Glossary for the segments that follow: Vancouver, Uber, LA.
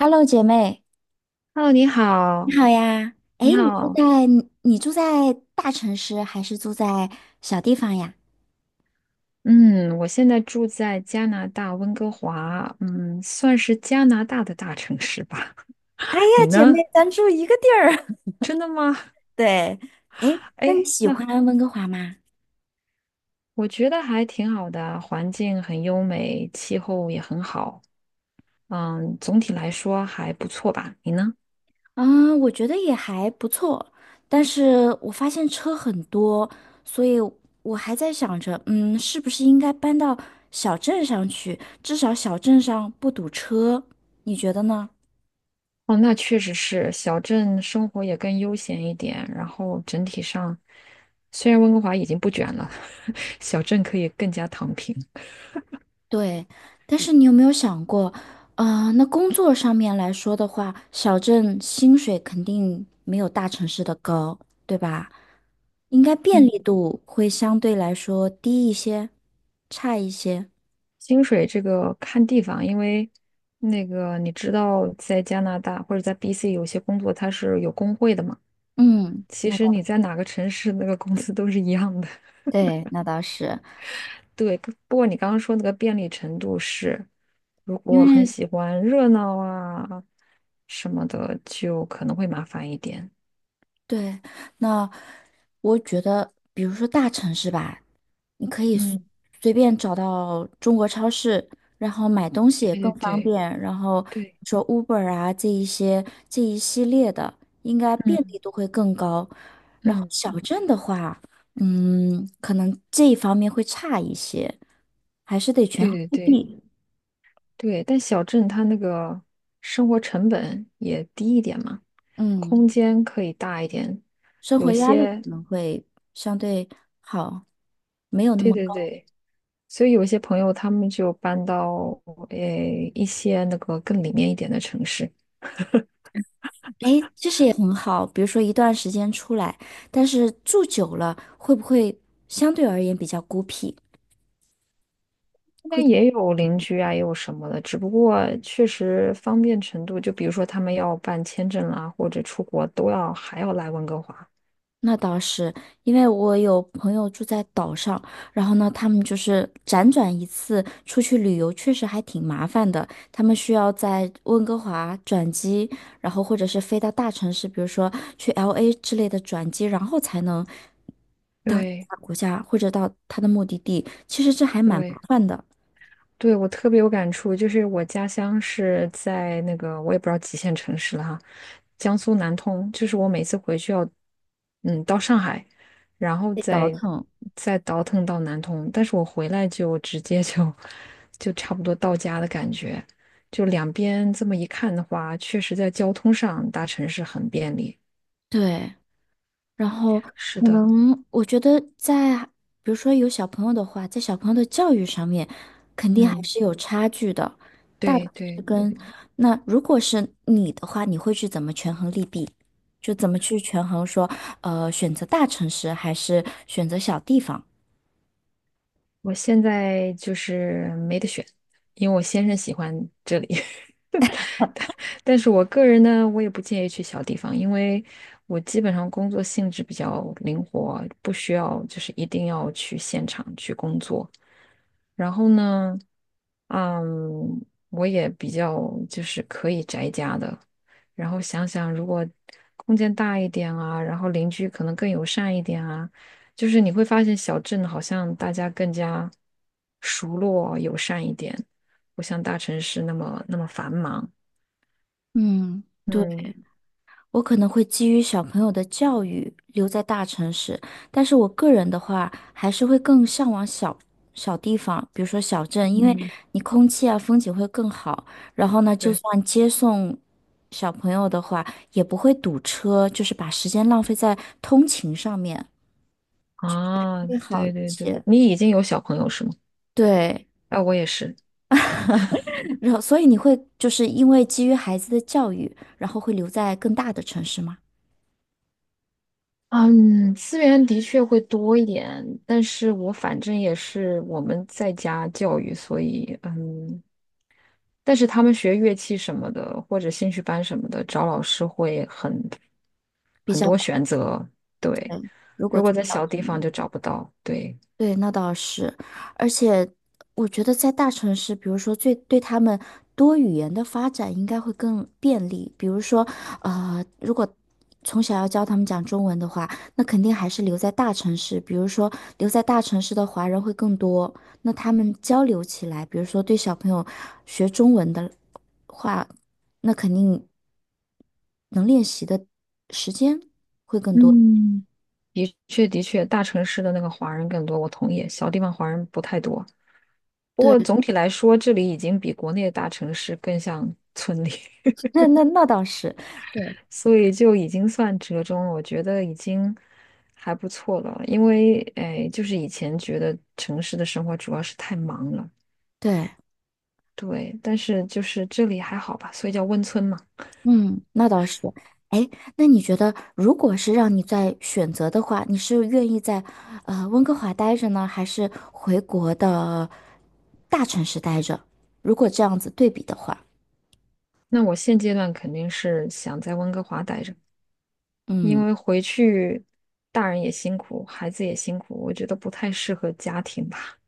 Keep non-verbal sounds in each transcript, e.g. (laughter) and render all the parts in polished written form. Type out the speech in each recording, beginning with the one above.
Hello，姐妹，Hello，你你好，好呀。哎，你你住好，在你住在大城市还是住在小地方呀？嗯，我现在住在加拿大温哥华，算是加拿大的大城市吧。哎 (laughs) 呀，你姐妹，呢？咱住一个地儿。真的吗？(laughs) 对。哎，那你哎，喜那欢温哥华吗？我觉得还挺好的，环境很优美，气候也很好，总体来说还不错吧。你呢？嗯，我觉得也还不错，但是我发现车很多，所以我还在想着，是不是应该搬到小镇上去？至少小镇上不堵车，你觉得呢？哦，那确实是，小镇生活也更悠闲一点，然后整体上，虽然温哥华已经不卷了，(laughs) 小镇可以更加躺平。对，但是你有没有想过，那工作上面来说的话，小镇薪水肯定没有大城市的高，对吧？应该便利度会相对来说低一些，差一些。薪水这个看地方，因为那个你知道，在加拿大或者在 BC 有些工作它是有工会的嘛。嗯，其实你在哪个城市，那个工资都是一样的。那倒是。(laughs) 对，不过你刚刚说那个便利程度是，如因果很为喜欢热闹啊什么的，就可能会麻烦一点。对，那我觉得，比如说大城市吧。你可以随嗯，随便找到中国超市，然后买东西对也更对方对便。然后对，说 Uber 啊，这一些这一系列的，应该便嗯利度会更高。然后嗯，小镇的话，可能这一方面会差一些，还是得权对衡对利对。弊。对，但小镇它那个生活成本也低一点嘛，嗯，空间可以大一点。生活有压力可些，能会相对好，没有那对么对高。对，所以有些朋友他们就搬到诶一些那个更里面一点的城市，哎，其实也很好。比如说一段时间出来，但是住久了会不会相对而言比较孤僻？那会边觉得也有邻居啊，也有什么的，只不过确实方便程度，就比如说他们要办签证啦，或者出国都要还要来温哥华。那倒是，因为我有朋友住在岛上，然后呢，他们就是辗转一次出去旅游，确实还挺麻烦的。他们需要在温哥华转机，然后或者是飞到大城市，比如说去 LA 之类的转机，然后才能到其对他国家或者到他的目的地。其实这还蛮麻对。烦的，对，我特别有感触，就是我家乡是在那个我也不知道几线城市了哈，江苏南通，就是我每次回去要，嗯，到上海，然后得倒再腾。再倒腾到南通，但是我回来就直接就 (laughs) 就差不多到家的感觉，就两边这么一看的话，确实在交通上大城市很便利。对，然后是可的，能我觉得在，比如说有小朋友的话，在小朋友的教育上面，肯定还嗯，是有差距的。大部对分是对对，跟，那如果是你的话，你会去怎么权衡利弊？就怎么去权衡说，选择大城市还是选择小地方？我现在就是没得选，因为我先生喜欢这里。但是我个人呢，我也不建议去小地方，因为我基本上工作性质比较灵活，不需要就是一定要去现场去工作。然后呢，嗯，我也比较就是可以宅家的。然后想想，如果空间大一点啊，然后邻居可能更友善一点啊，就是你会发现小镇好像大家更加熟络友善一点，不像大城市那么繁忙。嗯，对。嗯。我可能会基于小朋友的教育留在大城市，但是我个人的话，还是会更向往小地方，比如说小镇，因为嗯。你空气啊、风景会更好。然后呢，就对算接送小朋友的话，也不会堵车，就是把时间浪费在通勤上面啊，会好一对对对，些。你已经有小朋友是吗？对，哎，我也是。然后所以你会就是因为基于孩子的教育，然后会留在更大的城市吗？嗯，资源的确会多一点，但是我反正也是我们在家教育，所以但是他们学乐器什么的，或者兴趣班什么的，找老师会很比很较，多选择。对，如果如果做在小小镇地的方就话。找不到。对，对，那倒是，而且我觉得在大城市，比如说最对他们多语言的发展应该会更便利。比如说，如果从小要教他们讲中文的话，那肯定还是留在大城市。比如说，留在大城市的华人会更多，那他们交流起来，比如说对小朋友学中文的话，那肯定能练习的时间会更多。嗯，的确的确，大城市的那个华人更多，我同意，小地方华人不太多。不对，过总体来说，这里已经比国内的大城市更像村里，(laughs) 那倒是。对。所以就已经算折中了。我觉得已经还不错了，因为哎，就是以前觉得城市的生活主要是太忙了，对，对。但是就是这里还好吧，所以叫温村嘛。嗯，那倒是。哎，那你觉得，如果是让你再选择的话，你是愿意在温哥华待着呢，还是回国的大城市待着？如果这样子对比的话，那我现阶段肯定是想在温哥华待着，嗯，因为回去大人也辛苦，孩子也辛苦，我觉得不太适合家庭吧，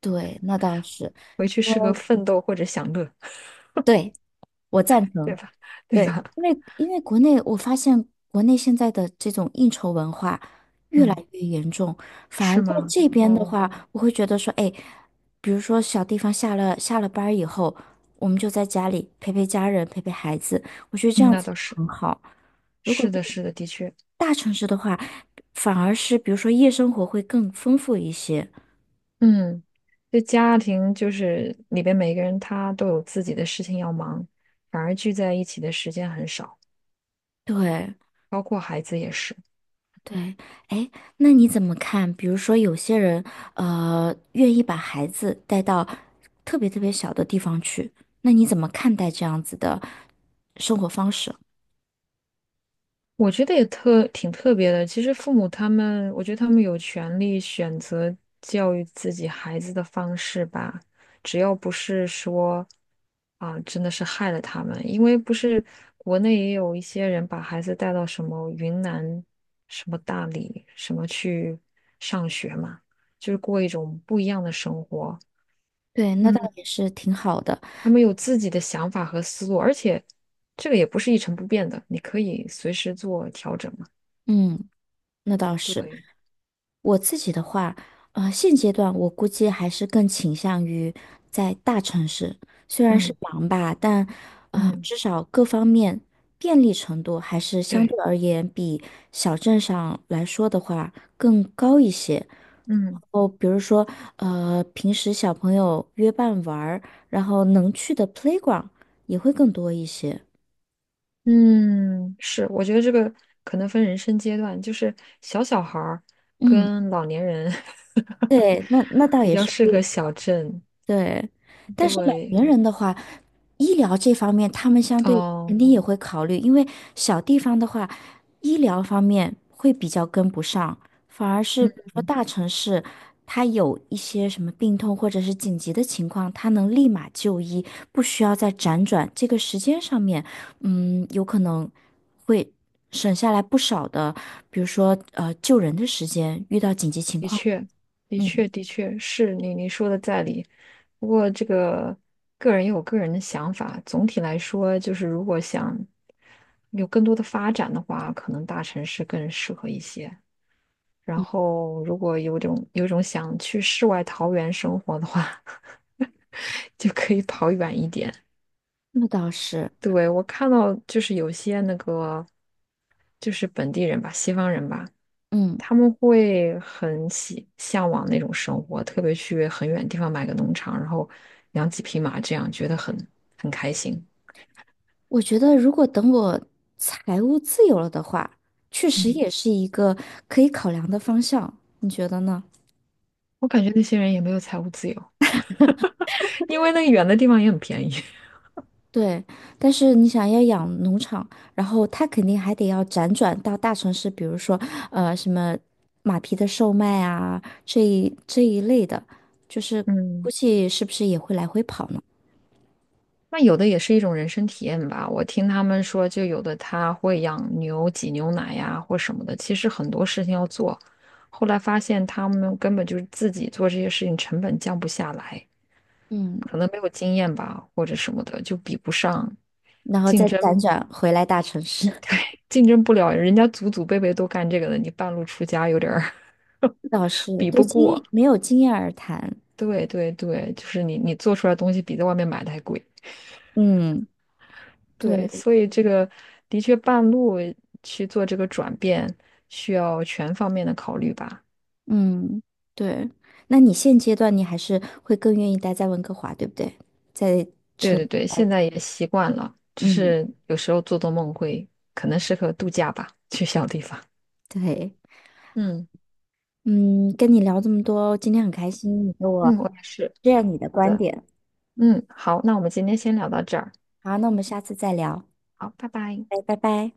对，那倒是，回去适合奋斗或者享乐，对，我 (laughs) 赞对成。吧？(laughs) 对对，吧？因为国内我发现国内现在的这种应酬文化越来嗯。越严重，反而是在吗？这边的哦，话，我会觉得说，哎，比如说小地方下了班儿以后，我们就在家里陪陪家人，陪陪孩子，我觉得这嗯样那子倒是，很好。如果是的，是是的，的确，大城市的话，反而是比如说夜生活会更丰富一些。嗯，这家庭就是里边每个人他都有自己的事情要忙，反而聚在一起的时间很少，对，包括孩子也是。对。哎，那你怎么看？比如说，有些人愿意把孩子带到特别特别小的地方去，那你怎么看待这样子的生活方式？我觉得也特挺特别的。其实父母他们，我觉得他们有权利选择教育自己孩子的方式吧，只要不是说啊，真的是害了他们。因为不是国内也有一些人把孩子带到什么云南、什么大理、什么去上学嘛，就是过一种不一样的生活。对，那倒嗯，也是挺好的。他们有自己的想法和思路，而且这个也不是一成不变的，你可以随时做调整嘛。嗯，那倒是。对。我自己的话，现阶段我估计还是更倾向于在大城市，虽然是嗯忙吧，但嗯，至少各方面便利程度还是相对，对而言比小镇上来说的话更高一些。嗯哦，比如说，平时小朋友约伴玩儿然后能去的 playground 也会更多一些。嗯，是，我觉得这个可能分人生阶段，就是小小孩儿嗯，跟老年人 (laughs) 对，那那倒比也较是。适合小镇。对，但是老对，年人的话，医疗这方面他们相对肯哦，定也会考虑，因为小地方的话，医疗方面会比较跟不上，反而是嗯，比如说大城市，他有一些什么病痛或者是紧急的情况，他能立马就医，不需要再辗转，这个时间上面，有可能会省下来不少的，比如说救人的时间，遇到紧急情的况，确，的嗯，确，的确是你说的在理。不过这个个人也有个人的想法，总体来说，就是如果想有更多的发展的话，可能大城市更适合一些。然后如果有种想去世外桃源生活的话，(laughs) 就可以跑远一点。那倒是，对，我看到就是有些那个就是本地人吧，西方人吧，嗯。他们会很喜向往那种生活，特别去很远地方买个农场，然后养几匹马，这样觉得很开心。我觉得，如果等我财务自由了的话，确实嗯，也是一个可以考量的方向，你觉得呢？我感觉那些人也没有财务自由，(laughs) 因为那个远的地方也很便宜。对，但是你想要养农场，然后他肯定还得要辗转到大城市，比如说什么马匹的售卖啊，这一类的，就是 (laughs) 估嗯。计是不是也会来回跑呢？那有的也是一种人生体验吧。我听他们说，就有的他会养牛挤牛奶呀，或什么的。其实很多事情要做，后来发现他们根本就是自己做这些事情，成本降不下来，嗯，可能没有经验吧，或者什么的，就比不上，然后竞再争辗转回来大城市，竞争不了。人家祖祖辈辈都干这个的，你半路出家有点儿 (laughs) 倒 (laughs) 是比对不过。没有经验而谈。对对对，就是你做出来的东西比在外面买的还贵。嗯，对，对。所以这个的确半路去做这个转变，需要全方面的考虑吧。嗯，对。那你现阶段你还是会更愿意待在温哥华，对不对？在对城，对对，现在也习惯了，只嗯，是有时候做做梦会，可能适合度假吧，去小地方。对，嗯嗯，跟你聊这么多，今天很开心，你给我嗯，我也是。这样你的好观的，点。嗯，好，那我们今天先聊到这儿，好，那我们下次再聊，好，拜拜。拜拜拜。